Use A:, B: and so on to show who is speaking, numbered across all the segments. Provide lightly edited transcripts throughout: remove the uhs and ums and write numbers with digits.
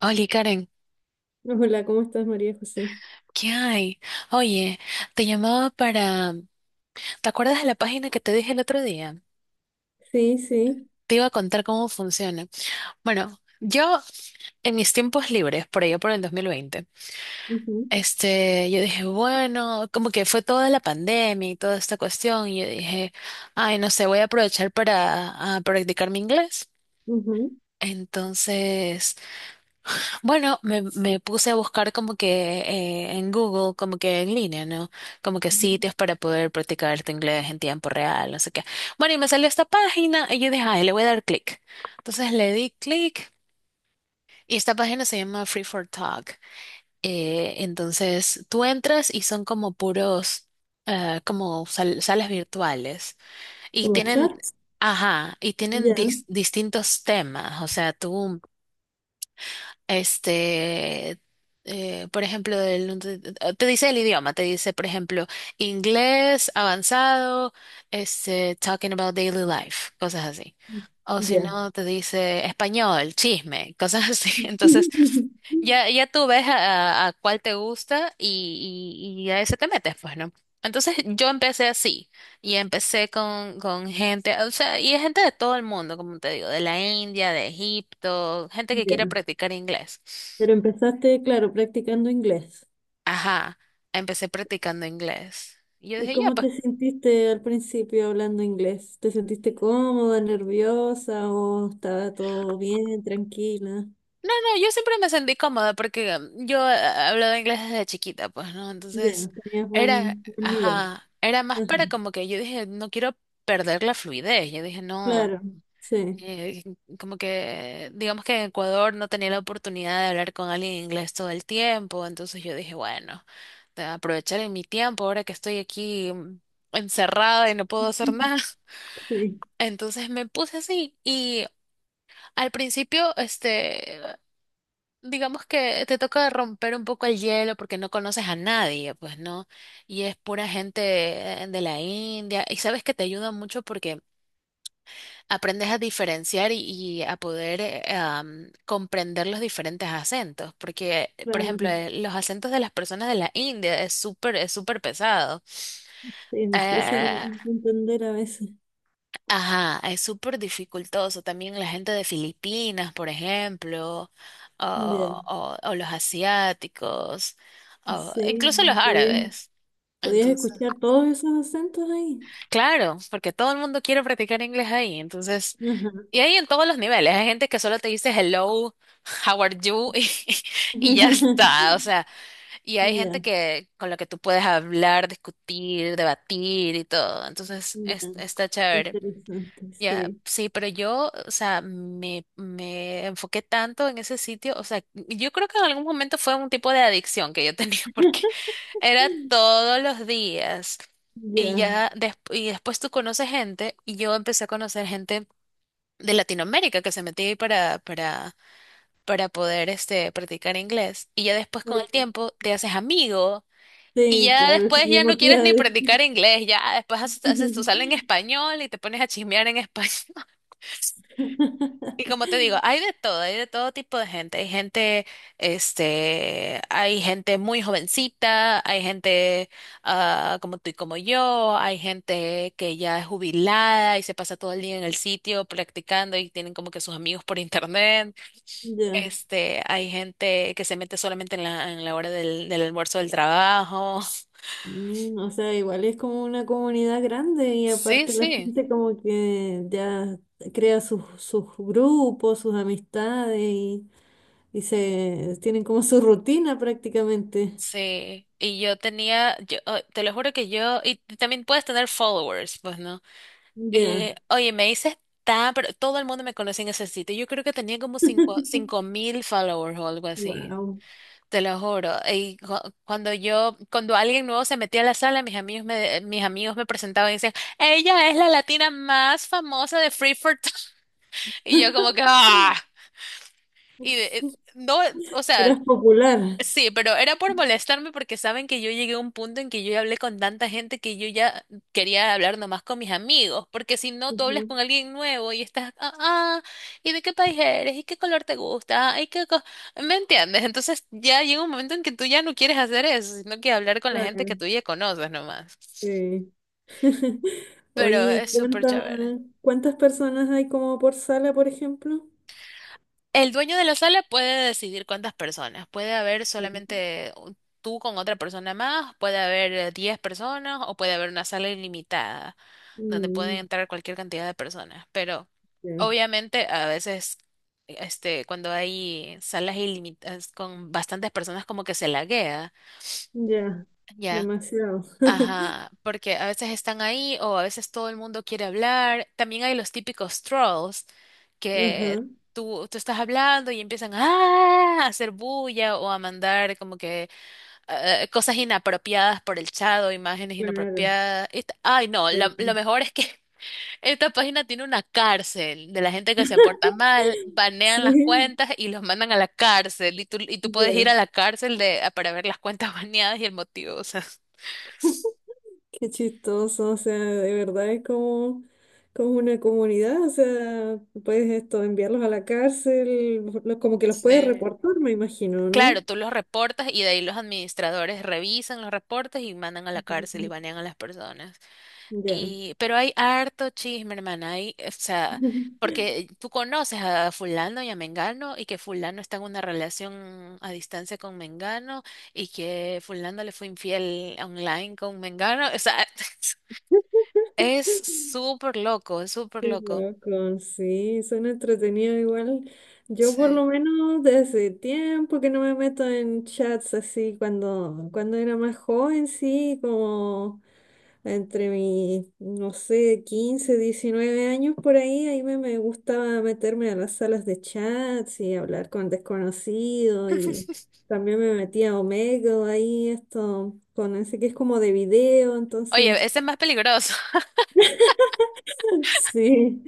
A: Oli, Karen,
B: Hola, ¿cómo estás, María José?
A: ¿qué hay? Oye, te llamaba para... ¿Te acuerdas de la página que te dije el otro día?
B: Sí, sí.
A: Te iba a contar cómo funciona. Bueno, yo en mis tiempos libres, por allá por el 2020,
B: Ujú,
A: yo dije, bueno, como que fue toda la pandemia y toda esta cuestión, y yo dije, ay, no sé, voy a aprovechar para a practicar mi inglés.
B: ujú,
A: Entonces bueno, me puse a buscar como que en Google, como que en línea, ¿no? Como que
B: ujú.
A: sitios para poder practicar tu inglés en tiempo real, no sé qué. Bueno, y me salió esta página y yo dije, ay, le voy a dar clic. Entonces le di clic y esta página se llama Free for Talk. Entonces tú entras y son como puros, como salas virtuales y
B: Como
A: tienen,
B: charts.
A: ajá, y tienen
B: Ya,
A: distintos temas. O sea, tú este, por ejemplo, no te dice el idioma, te dice, por ejemplo, inglés avanzado, talking about daily life, cosas así. O si
B: ya.
A: no, te dice español, chisme, cosas así. Entonces, ya, ya tú ves a cuál te gusta y a ese te metes, pues, ¿no? Entonces yo empecé así y empecé con gente, o sea, y es gente de todo el mundo, como te digo, de la India, de Egipto, gente que quiere
B: Ya.
A: practicar inglés.
B: Pero empezaste, claro, practicando inglés.
A: Ajá, empecé practicando inglés. Y yo
B: ¿Y
A: dije, ya,
B: cómo
A: pues,
B: te sentiste al principio hablando inglés? ¿Te sentiste cómoda, nerviosa o estaba todo bien, tranquila?
A: no, yo siempre me sentí cómoda porque yo hablaba inglés desde chiquita, pues, ¿no? Entonces,
B: Ya, tenías
A: era,
B: buen nivel.
A: ajá, era más
B: Ajá,
A: para como que yo dije, no quiero perder la fluidez. Yo dije, no,
B: claro, sí.
A: eh, como que, digamos que en Ecuador no tenía la oportunidad de hablar con alguien en inglés todo el tiempo, entonces yo dije, bueno, de aprovechar en mi tiempo ahora que estoy aquí encerrada y no puedo hacer nada.
B: Sí,
A: Entonces me puse así y al principio, digamos que te toca romper un poco el hielo porque no conoces a nadie, pues no, y es pura gente de la India y sabes que te ayuda mucho porque aprendes a diferenciar y a poder comprender los diferentes acentos, porque, por ejemplo,
B: claro.
A: los acentos de las personas de la India es súper pesado.
B: Sí, es difícil
A: Eh,
B: entender a veces.
A: ajá, es súper dificultoso. También la gente de Filipinas, por ejemplo,
B: Ya.
A: o los asiáticos, o
B: Sí,
A: incluso los
B: podías,
A: árabes.
B: podías
A: Entonces,
B: escuchar todos esos acentos ahí.
A: claro, porque todo el mundo quiere practicar inglés ahí, entonces
B: Ajá.
A: y hay en todos los niveles, hay gente que solo te dice hello, how are you y ya está, o sea, y hay gente
B: Ya,
A: que con la que tú puedes hablar, discutir, debatir y todo, entonces
B: ya.
A: está
B: Qué
A: chévere.
B: interesante,
A: Ya,
B: sí.
A: sí, pero yo, o sea, me enfoqué tanto en ese sitio, o sea, yo creo que en algún momento fue un tipo de adicción que yo tenía porque era todos los días y
B: Ya.
A: ya y después tú conoces gente y yo empecé a conocer gente de Latinoamérica que se metía ahí para poder practicar inglés. Y ya después con
B: Oye,
A: el tiempo te haces amigo y
B: sí,
A: ya
B: claro, es
A: después ya no
B: mismo te
A: quieres ni practicar inglés, ya después haces, haces tu sala en español y te pones a chismear en español. Y como te digo, hay de todo tipo de gente. Hay gente, hay gente muy jovencita, hay gente ah, como tú y como yo, hay gente que ya es jubilada y se pasa todo el día en el sitio practicando y tienen como que sus amigos por internet.
B: Ya.
A: Hay gente que se mete solamente en la hora del almuerzo del trabajo.
B: Mm. O sea, igual es como una comunidad grande y
A: Sí,
B: aparte la
A: sí,
B: gente como que ya crea sus grupos, sus amistades y se tienen como su rutina prácticamente.
A: sí. Y yo tenía, yo, oh, te lo juro que yo, y también puedes tener followers, pues, ¿no?
B: Ya.
A: Oye, me dices tan, pero todo el mundo me conoce en ese sitio. Yo creo que tenía como cinco mil followers o algo así.
B: Wow.
A: Te lo juro. Y cuando yo, cuando alguien nuevo se metía a la sala, mis amigos me presentaban y decían, ella es la latina más famosa de Free. Y yo como que, ah, y no, o sea,
B: Eras popular.
A: sí, pero era por molestarme porque saben que yo llegué a un punto en que yo ya hablé con tanta gente que yo ya quería hablar nomás con mis amigos, porque si no, tú hablas
B: Ujú,
A: con alguien nuevo y estás, ah, ah, ¿y de qué país eres? ¿Y qué color te gusta? ¿Y qué ¿Me entiendes? Entonces ya llega un momento en que tú ya no quieres hacer eso, sino que hablar con la gente que
B: claro,
A: tú ya conoces nomás.
B: sí.
A: Pero
B: Oye,
A: es súper
B: ¿cuántas
A: chévere.
B: cuántas personas hay como por sala, por ejemplo?
A: El dueño de la sala puede decidir cuántas personas. Puede haber
B: Sí.
A: solamente tú con otra persona más, puede haber 10 personas o puede haber una sala ilimitada donde pueden
B: Mm,
A: entrar cualquier cantidad de personas. Pero
B: ya,
A: obviamente a veces cuando hay salas ilimitadas con bastantes personas como que se laguea,
B: ya,
A: ya.
B: demasiado.
A: Ajá, porque a veces están ahí o a veces todo el mundo quiere hablar. También hay los típicos trolls que
B: Ajá,
A: tú estás hablando y empiezan "Ah", a hacer bulla o a mandar como que cosas inapropiadas por el chat o imágenes
B: claro.
A: inapropiadas. Y ay, no, lo mejor es que esta página tiene una cárcel de la gente que se porta mal, banean las
B: Sí,
A: cuentas y los mandan a la cárcel. Y tú
B: sí,
A: puedes ir
B: ya.
A: a la cárcel de, para ver las cuentas baneadas y el motivo. O sea,
B: Qué chistoso, o sea, de verdad es como, como una comunidad, o sea, puedes esto, enviarlos a la cárcel, como que los puedes
A: sí.
B: reportar, me imagino,
A: Claro,
B: ¿no?
A: tú los reportas y de ahí los administradores revisan los reportes y mandan a la cárcel y
B: Mm,
A: banean a las personas.
B: ya.
A: Y, pero hay harto chisme, hermana, hay, o sea, porque tú conoces a fulano y a mengano y que fulano está en una relación a distancia con mengano y que fulano le fue infiel online con mengano, o sea, es súper loco, es súper
B: Qué
A: loco.
B: loco, sí, suena entretenido igual. Yo por
A: Sí.
B: lo menos desde tiempo que no me meto en chats así, cuando era más joven, sí, como entre mis, no sé, 15-19 años por ahí, ahí me gustaba meterme a las salas de chats y hablar con desconocidos y también me metía a Omegle ahí, esto, con ese que es como de video, entonces,
A: Oye, ese es más peligroso,
B: sí,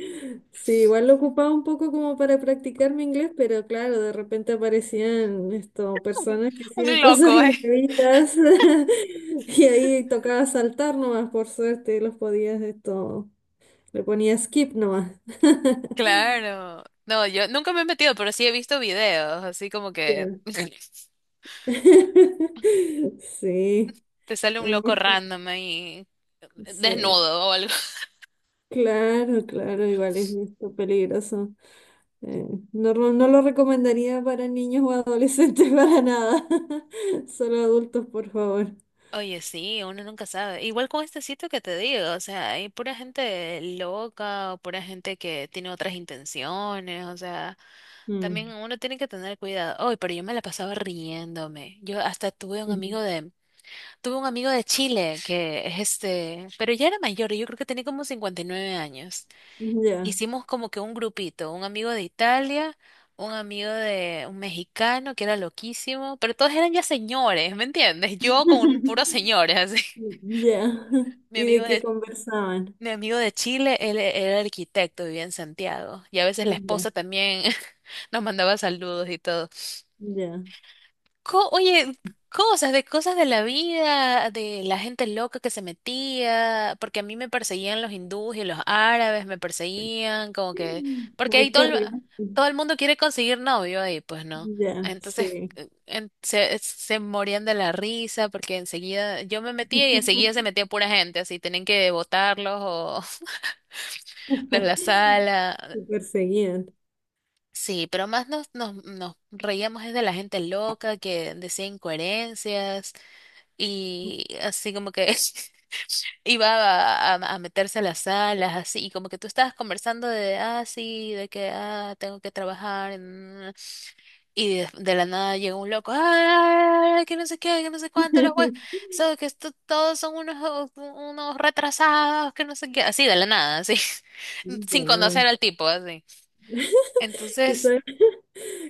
B: sí, igual lo ocupaba un poco como para practicar mi inglés, pero claro, de repente aparecían esto, personas que hacían
A: un
B: cosas
A: loco, eh.
B: indebidas y ahí tocaba saltar nomás, por suerte, los podías esto. Le ponía skip nomás.
A: Claro. No, yo nunca me he metido, pero sí he visto videos, así como que
B: Ya. Sí,
A: te sale un
B: hay
A: loco
B: muchas.
A: random ahí,
B: Sí,
A: desnudo o algo.
B: claro, claro, igual es esto peligroso. Eh, no, no lo recomendaría para niños o adolescentes para nada. Solo adultos, por favor.
A: Oye, sí, uno nunca sabe. Igual con este sitio que te digo, o sea, hay pura gente loca o pura gente que tiene otras intenciones, o sea, también
B: Mm.
A: uno tiene que tener cuidado. Oye, pero yo me la pasaba riéndome. Yo hasta
B: Ujú.
A: tuve un amigo de Chile que es este, pero ya era mayor, yo creo que tenía como 59 años.
B: Ya.
A: Hicimos como que un grupito, un amigo de Italia, un amigo de un mexicano que era loquísimo, pero todos eran ya señores, ¿me entiendes? Yo con un puro señores, así.
B: Ya.
A: Mi
B: ¿Y
A: amigo
B: de qué
A: de,
B: conversaban?
A: mi amigo de Chile, él era arquitecto, vivía en Santiago, y a veces la
B: Ya,
A: esposa también nos mandaba saludos y todo.
B: ya.
A: Oye, cosas de la vida, de la gente loca que se metía, porque a mí me perseguían los hindúes y los árabes me perseguían, como que, porque ahí
B: Muy cargado.
A: todo el mundo quiere conseguir novio ahí, pues no.
B: Ya,
A: Entonces
B: sí.
A: se morían de la risa porque enseguida yo me metía y enseguida se metía pura gente, así tenían que botarlos o de la sala.
B: Te perseguían.
A: Sí, pero más nos reíamos es de la gente loca que decía incoherencias, y así como que iba a meterse a las salas, así, y como que tú estabas conversando de, ah, sí, de que, ah, tengo que trabajar, y de la nada llega un loco, ah, que no sé qué, que no sé cuánto, los jueces, so, que todos son unos, unos retrasados, que no sé qué, así de la nada, así, sin conocer
B: Ya.
A: al tipo, así.
B: ¿Y
A: Entonces...
B: sabes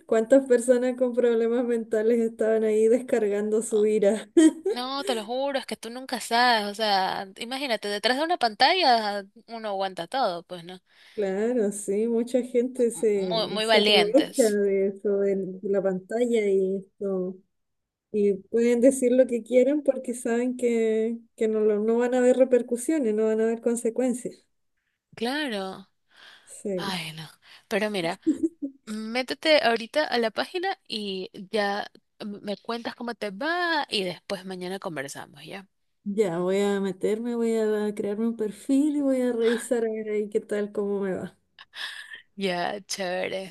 B: cuántas personas con problemas mentales estaban ahí descargando su ira?
A: No, te lo juro, es que tú nunca sabes, o sea, imagínate, detrás de una pantalla uno aguanta todo, pues no.
B: Claro, sí, mucha gente se,
A: Muy, muy
B: se aprovecha
A: valientes.
B: de eso, de la pantalla y esto. Y pueden decir lo que quieran porque saben que no, no van a haber repercusiones, no van a haber consecuencias.
A: Claro.
B: Sí.
A: Ay, no. Pero mira, métete ahorita a la página y ya me cuentas cómo te va y después mañana conversamos, ¿ya?
B: Ya, voy a meterme, voy a crearme un perfil y voy a revisar a ver ahí qué tal, cómo me va.
A: Ya, chévere.